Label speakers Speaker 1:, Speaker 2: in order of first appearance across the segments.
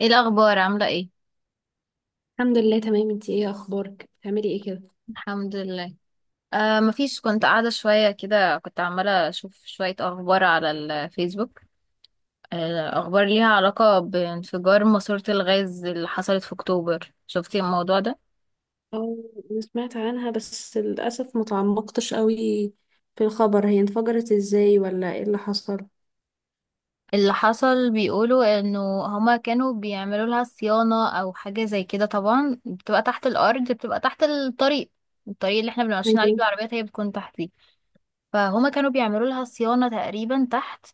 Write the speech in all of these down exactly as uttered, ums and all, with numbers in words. Speaker 1: ايه الاخبار عامله ايه؟
Speaker 2: الحمد لله، تمام. انتي ايه اخبارك؟ بتعملي ايه كده؟
Speaker 1: الحمد لله. آه مفيش، كنت قاعده شويه كده، كنت عماله اشوف شويه اخبار على الفيسبوك. آه اخبار ليها علاقه بانفجار ماسوره الغاز اللي حصلت في اكتوبر، شفتي الموضوع ده؟
Speaker 2: اه. أنا سمعت عنها بس للأسف ما تعمقتش قوي في الخبر. هي انفجرت ازاي ولا ايه اللي حصل؟
Speaker 1: اللي حصل بيقولوا انه هما كانوا بيعملوا لها صيانه او حاجه زي كده، طبعا بتبقى تحت الارض، بتبقى تحت الطريق. الطريق اللي احنا بنبقى ماشيين عليه
Speaker 2: تمام.
Speaker 1: بالعربيات هي بتكون تحت دي. فهما كانوا بيعملوا لها صيانه تقريبا تحت،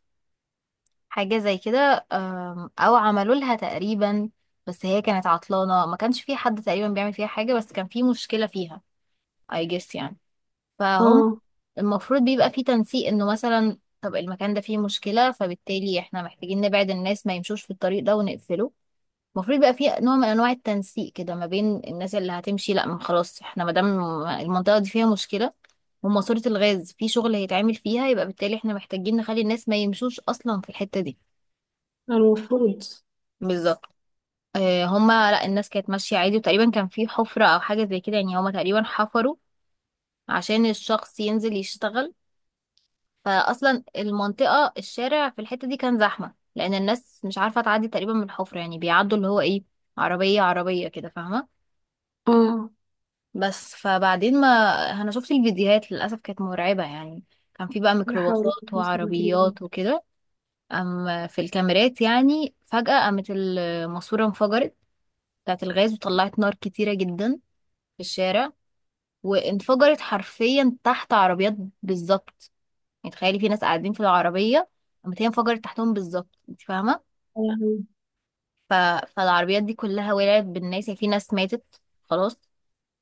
Speaker 1: حاجة زي كده أم، أو عملوا لها تقريبا. بس هي كانت عطلانة، ما كانش في حد تقريبا بيعمل فيها حاجة، بس كان في مشكلة فيها I guess يعني. فهم.
Speaker 2: اه.
Speaker 1: المفروض بيبقى في تنسيق إنه مثلا طب المكان ده فيه مشكلة، فبالتالي إحنا محتاجين نبعد الناس ما يمشوش في الطريق ده ونقفله. المفروض يبقى في نوع من أنواع التنسيق كده ما بين الناس اللي هتمشي. لأ، ما خلاص إحنا مادام المنطقة دي فيها مشكلة وماسورة الغاز في شغل هيتعمل فيها، يبقى بالتالي إحنا محتاجين نخلي الناس ما يمشوش أصلا في الحتة دي.
Speaker 2: المفروض.
Speaker 1: بالظبط. آه، هما، لا الناس كانت ماشية عادي وتقريبا كان في حفرة أو حاجة زي كده يعني، هما تقريبا حفروا عشان الشخص ينزل يشتغل. فأصلا المنطقة الشارع في الحتة دي كان زحمة لأن الناس مش عارفة تعدي تقريبا من الحفرة، يعني بيعدوا اللي هو إيه، عربية عربية كده، فاهمة؟
Speaker 2: اه.
Speaker 1: بس فبعدين ما أنا شفت الفيديوهات للأسف كانت مرعبة يعني. كان في بقى
Speaker 2: لا حول ولا
Speaker 1: ميكروباصات
Speaker 2: قوة إلا بالله.
Speaker 1: وعربيات وكده. أم في الكاميرات يعني فجأة قامت الماسورة انفجرت، بتاعت الغاز، وطلعت نار كتيرة جدا في الشارع. وانفجرت حرفيا تحت عربيات. بالظبط. يعني تخيلي في ناس قاعدين في العربية، قامت هي انفجرت تحتهم، بالظبط، انت فاهمة؟
Speaker 2: يا لهوي.
Speaker 1: ف... فالعربيات دي كلها ولعت بالناس يعني، في ناس ماتت خلاص،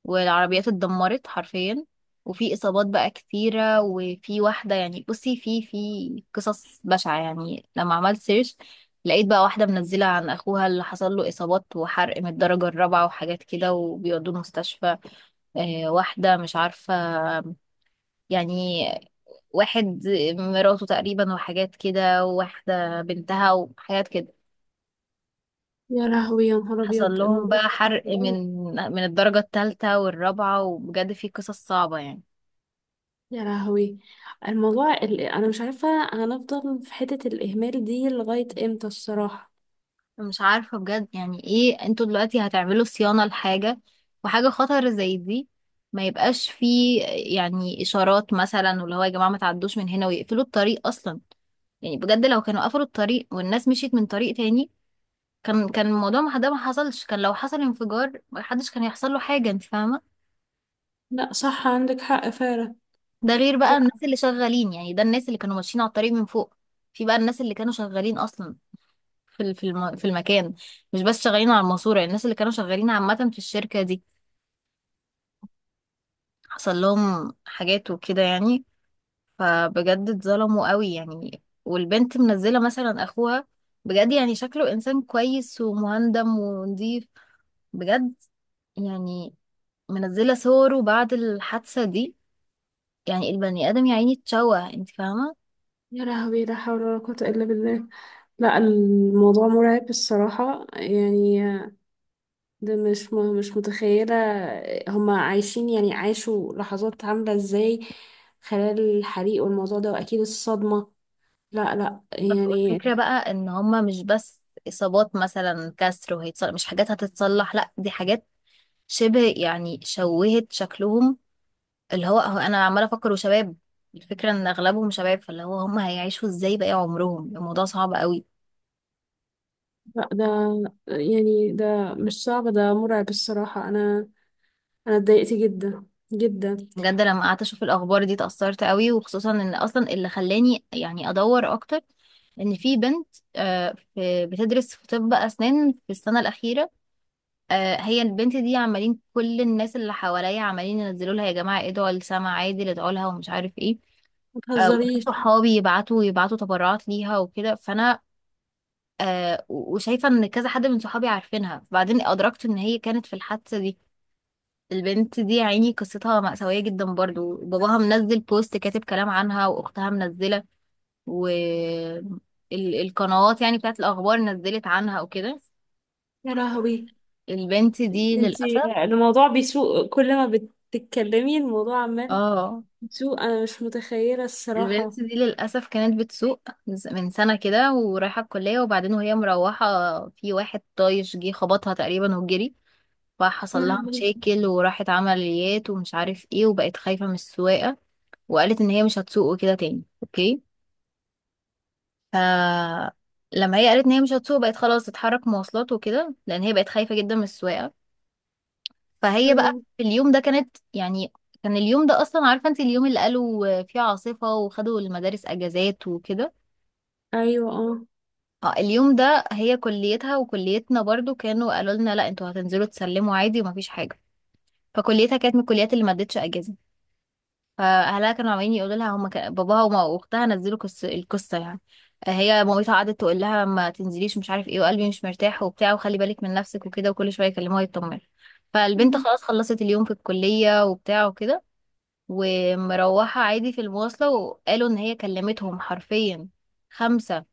Speaker 1: والعربيات اتدمرت حرفيا. وفي إصابات بقى كتيرة، وفي واحدة يعني بصي، في في قصص بشعة يعني. لما عملت سيرش لقيت بقى واحدة منزلة عن أخوها اللي حصل له إصابات وحرق من الدرجة الرابعة وحاجات كده وبيودوه المستشفى. آه، واحدة مش عارفة يعني، واحد مراته تقريبا وحاجات كده، وواحدة بنتها وحاجات كده.
Speaker 2: يا لهوي، يا نهار
Speaker 1: حصل
Speaker 2: ابيض،
Speaker 1: لهم
Speaker 2: الموضوع ده
Speaker 1: بقى
Speaker 2: صعب
Speaker 1: حرق
Speaker 2: قوي.
Speaker 1: من من الدرجة الثالثة والرابعة، وبجد في قصص صعبة يعني.
Speaker 2: يا لهوي. الموضوع اللي انا مش عارفه، هنفضل في حته الاهمال دي لغايه امتى الصراحه؟
Speaker 1: مش عارفة بجد يعني ايه، انتوا دلوقتي هتعملوا صيانة لحاجة وحاجة خطر زي دي؟ ما يبقاش فيه يعني إشارات مثلا، واللي هو يا جماعة ما تعدوش من هنا، ويقفلوا الطريق أصلا؟ يعني بجد لو كانوا قفلوا الطريق والناس مشيت من طريق تاني، كان كان الموضوع ما ده ما حصلش، كان لو حصل انفجار ما حدش كان يحصل له حاجة، انت فاهمة؟
Speaker 2: لا صح، عندك حق فعلا.
Speaker 1: ده غير بقى الناس اللي شغالين، يعني ده الناس اللي كانوا ماشيين على الطريق من فوق. في بقى الناس اللي كانوا شغالين اصلا في ال- في الم... في المكان، مش بس شغالين على الماسورة، الناس اللي كانوا شغالين عامة في الشركة دي حصل لهم حاجات وكده يعني. فبجد اتظلموا قوي يعني. والبنت منزلة مثلا اخوها، بجد يعني شكله انسان كويس ومهندم ونضيف بجد يعني، منزلة صوره بعد الحادثة دي، يعني البني آدم يا عيني اتشوه، انت فاهمة؟
Speaker 2: يا لهوي، لا حول ولا قوة إلا بالله. لا، الموضوع مرعب الصراحة يعني. ده مش م- مش متخيلة. هما عايشين، يعني عاشوا لحظات عاملة ازاي خلال الحريق والموضوع ده، وأكيد الصدمة. لا لا يعني.
Speaker 1: والفكرة بقى ان هما مش بس اصابات مثلا كسر وهيتصلح، مش حاجات هتتصلح، لا دي حاجات شبه يعني شوهت شكلهم. اللي هو هو انا عمالة افكر، وشباب. الفكرة ان اغلبهم شباب، فاللي هو هما هيعيشوا ازاي باقي عمرهم؟ الموضوع صعب قوي.
Speaker 2: لا، ده يعني ده مش صعب، ده مرعب الصراحة. أنا أنا اتضايقت جدا جدا.
Speaker 1: بجد لما قعدت اشوف الاخبار دي اتأثرت قوي، وخصوصا ان اصلا اللي خلاني يعني ادور اكتر ان في بنت. آه، في- بتدرس في طب اسنان في السنة الاخيرة. آه، هي البنت دي عمالين كل الناس اللي حواليا عمالين ينزلوا لها يا جماعه ادعوا لسما عادل، ادعوا لها ومش عارف ايه. آه، وناس
Speaker 2: متهزريش.
Speaker 1: صحابي يبعتوا يبعتوا تبرعات ليها وكده، فانا آه، و- وشايفه ان كذا حد من صحابي عارفينها، بعدين ادركت ان هي كانت في الحادثه دي. البنت دي يا عيني قصتها مأساوية جدا، برضو باباها منزل بوست كاتب كلام عنها، وأختها منزلة، والقنوات يعني بتاعت الأخبار نزلت عنها وكده.
Speaker 2: يا لهوي.
Speaker 1: البنت دي
Speaker 2: انتي
Speaker 1: للأسف.
Speaker 2: الموضوع بيسوء كل ما بتتكلمي، الموضوع عمال
Speaker 1: اه،
Speaker 2: سوق. انا مش متخيله الصراحه.
Speaker 1: البنت دي للأسف كانت بتسوق ز- من سنة كده ورايحة الكلية، وبعدين وهي مروحة في واحد طايش جه خبطها تقريبا وجري، فحصل
Speaker 2: يا
Speaker 1: لها
Speaker 2: لهوي.
Speaker 1: مشاكل وراحت عمليات ومش عارف ايه، وبقت خايفة من السواقة. وقالت ان هي مش هتسوق وكده تاني. اوكي. ف لما هي قالت ان هي مش هتسوق بقت خلاص تتحرك مواصلات وكده لان هي بقت خايفة جدا من السواقة. فهي بقى
Speaker 2: ايوه،
Speaker 1: في اليوم ده كانت يعني، كان اليوم ده اصلا عارفة انت اليوم اللي قالوا فيه عاصفة وخدوا المدارس اجازات وكده.
Speaker 2: ايوه، اه.
Speaker 1: اه، اليوم ده هي كليتها وكليتنا برضو كانوا قالوا لنا لا انتوا هتنزلوا تسلموا عادي ومفيش حاجه. فكليتها كانت من الكليات اللي ما ادتش اجازه. فاهلها كانوا عمالين يقولوا لها، هما كان- باباها وما- واختها نزلوا كس... القصه يعني. آه، هي مامتها قعدت تقول لها ما تنزليش مش عارف ايه، وقلبي مش مرتاح وبتاع، وخلي بالك من نفسك وكده، وكل شويه يكلموها يطمنوا. فالبنت
Speaker 2: مم.
Speaker 1: خلاص خلصت اليوم في الكليه وبتاع وكده، ومروحه عادي في المواصله، وقالوا ان هي كلمتهم حرفيا خمسة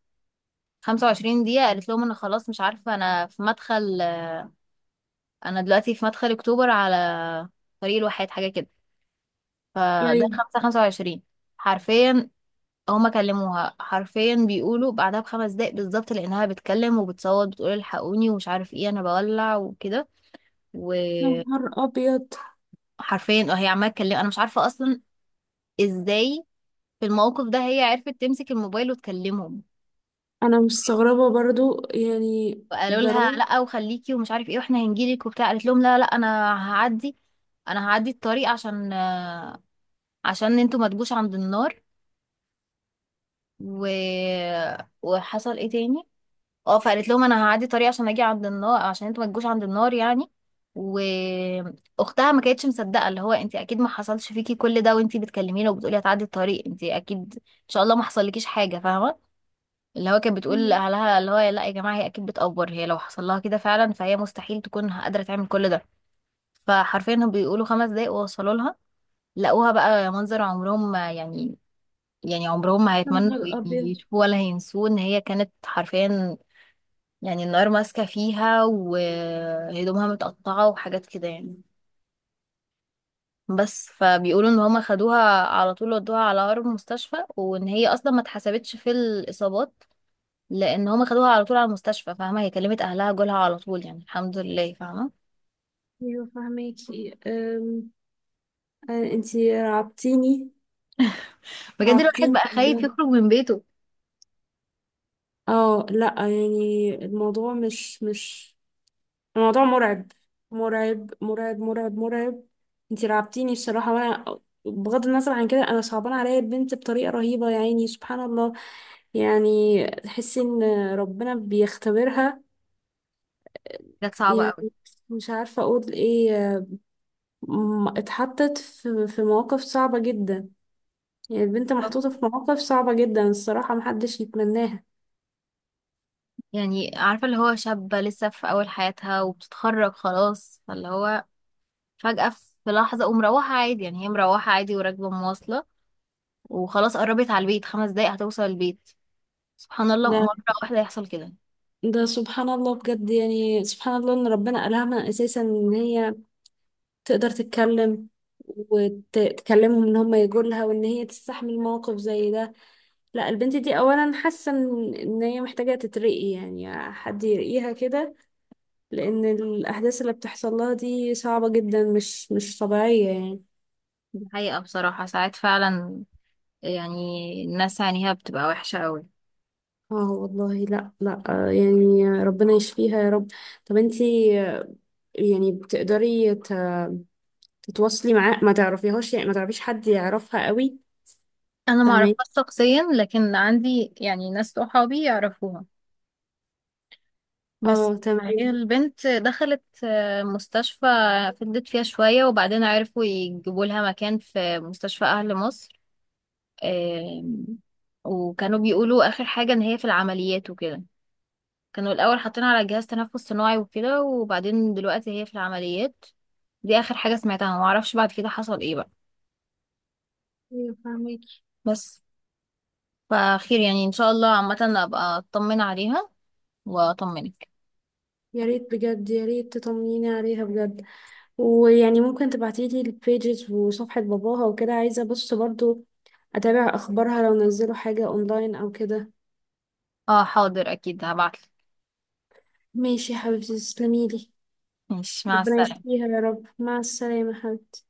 Speaker 1: خمسة وعشرين دقيقة. قالت لهم أنا خلاص مش عارفة، أنا في مدخل، أنا دلوقتي في مدخل أكتوبر على طريق الواحات حاجة كده. فده
Speaker 2: ايوه.
Speaker 1: خمسة خمسة وعشرين حرفيا. هما كلموها حرفيا، بيقولوا بعدها بخمس دقايق بالظبط، لأنها بتكلم وبتصوت، بتقول الحقوني ومش عارف ايه، أنا بولع وكده.
Speaker 2: يا
Speaker 1: وحرفيا
Speaker 2: نهار ابيض.
Speaker 1: وهي عمالة تكلم، أنا مش عارفة أصلا ازاي في الموقف ده هي عرفت تمسك الموبايل وتكلمهم.
Speaker 2: انا مستغربه برضو يعني.
Speaker 1: قالوا
Speaker 2: ده
Speaker 1: لها
Speaker 2: رعب.
Speaker 1: لا وخليكي ومش عارف ايه واحنا هنجيلك وبتاع. قالت لهم لا لا انا هعدي انا هعدي الطريق، عشان آه، عشان انتوا ما تجوش عند النار. و... وحصل ايه تاني. اه، فقالت لهم انا هعدي الطريق عشان اجي عند النار، عشان انتوا ما تجوش عند النار يعني. واختها ما كانتش مصدقه، اللي هو انت اكيد ما حصلش فيكي كل ده وانت بتكلميني وبتقولي هتعدي الطريق، انت اكيد ان شاء الله ما حصلكيش حاجه، فاهمه؟ اللي هو كانت بتقول
Speaker 2: مم.
Speaker 1: لأهلها، اللي هو لا يا جماعة هي أكيد بتأفور، هي لو حصل لها كده فعلا فهي مستحيل تكون قادرة تعمل كل ده. فحرفيا هم بيقولوا خمس دقايق ووصلوا لها. لقوها بقى منظر عمرهم ما يعني، يعني عمرهم ما
Speaker 2: يا
Speaker 1: هيتمنوا
Speaker 2: نهار ابيض.
Speaker 1: يشوفوه ولا هينسوه، إن هي كانت حرفيا يعني النار ماسكة فيها وهدومها متقطعة وحاجات كده يعني. بس فبيقولوا ان هما خدوها على طول ودوها على أقرب مستشفى، وان هي اصلا ما اتحسبتش في الاصابات، لان هما خدوها على طول على المستشفى. فاهمه، هي كلمت اهلها جولها على طول يعني الحمد لله، فاهمه؟
Speaker 2: ايوه فهميكي. أم... آه، انتي رعبتيني.
Speaker 1: بجد الواحد
Speaker 2: رعبتيني
Speaker 1: بقى خايف
Speaker 2: بجد.
Speaker 1: يخرج من بيته.
Speaker 2: اه، لا يعني الموضوع مش مش، الموضوع مرعب، مرعب، مرعب، مرعب، مرعب. انتي رعبتيني الصراحة. وانا بغض النظر عن كده، انا صعبان عليا البنت بطريقة رهيبة يعني، سبحان الله. يعني تحسي ان ربنا بيختبرها.
Speaker 1: كانت صعبه قوي.
Speaker 2: يعني مش عارفة اقول ايه. م- اتحطت في في مواقف صعبة جدا. يعني البنت
Speaker 1: طب،
Speaker 2: محطوطة في مواقف صعبة جدا الصراحة، محدش يتمناها.
Speaker 1: يعني عارفه اللي هو شابه لسه في اول حياتها وبتتخرج خلاص، فاللي هو فجاه في لحظه ومروحه عادي، يعني هي مروحه عادي وراكبه مواصله، وخلاص قربت على البيت، خمس دقايق هتوصل البيت، سبحان الله، مره
Speaker 2: ده
Speaker 1: واحده يحصل كده.
Speaker 2: ده سبحان الله بجد، يعني سبحان الله ان ربنا ألهمها اساسا ان هي تقدر تتكلم وتكلمهم ان هم يجوا لها، وان هي تستحمل موقف زي ده. لا، البنت دي اولا حاسه ان إن هي محتاجه تترقي، يعني حد يرقيها كده، لان الاحداث اللي بتحصل لها دي صعبه جدا، مش مش طبيعيه يعني.
Speaker 1: دي حقيقه بصراحه، ساعات فعلا يعني الناس عينيها بتبقى وحشه قوي.
Speaker 2: اه والله، لا لا، آه، يعني ربنا يشفيها يا رب. طب انتي، آه، يعني بتقدري ت- تتواصلي معاه؟ ما تعرفيهاش؟ يعني ما تعرفيش حد يعرفها قوي؟
Speaker 1: انا ما
Speaker 2: فاهمين.
Speaker 1: اعرفهاش شخصيا لكن عندي يعني ناس صحابي يعرفوها بس.
Speaker 2: اه، تمام.
Speaker 1: هي البنت دخلت آه، مستشفى، فضلت فيها شوية وبعدين عرفوا يجيبوا لها مكان في مستشفى اهل مصر. آم، وكانوا بيقولوا اخر حاجة ان هي في العمليات وكده. كانوا الاول حاطينها على جهاز تنفس صناعي وكده، وبعدين دلوقتي هي في العمليات. دي اخر حاجة سمعتها، ما اعرفش بعد كده حصل ايه بقى.
Speaker 2: ايوه فاهمين.
Speaker 1: بس، فخير يعني ان شاء الله عامة، ابقى اطمن عليها واطمنك.
Speaker 2: يا ريت بجد، يا ريت تطمنيني عليها بجد. ويعني ممكن تبعتيلي البيجز وصفحة باباها وكده؟ عايزة بص برضو أتابع أخبارها لو نزلوا حاجة أونلاين أو كده.
Speaker 1: اه حاضر اكيد هبعتلك.
Speaker 2: ماشي يا حبيبتي، تسلميلي.
Speaker 1: ماشي مع
Speaker 2: ربنا
Speaker 1: السلامة.
Speaker 2: يشفيها يا رب، مع السلامة حبيبتي.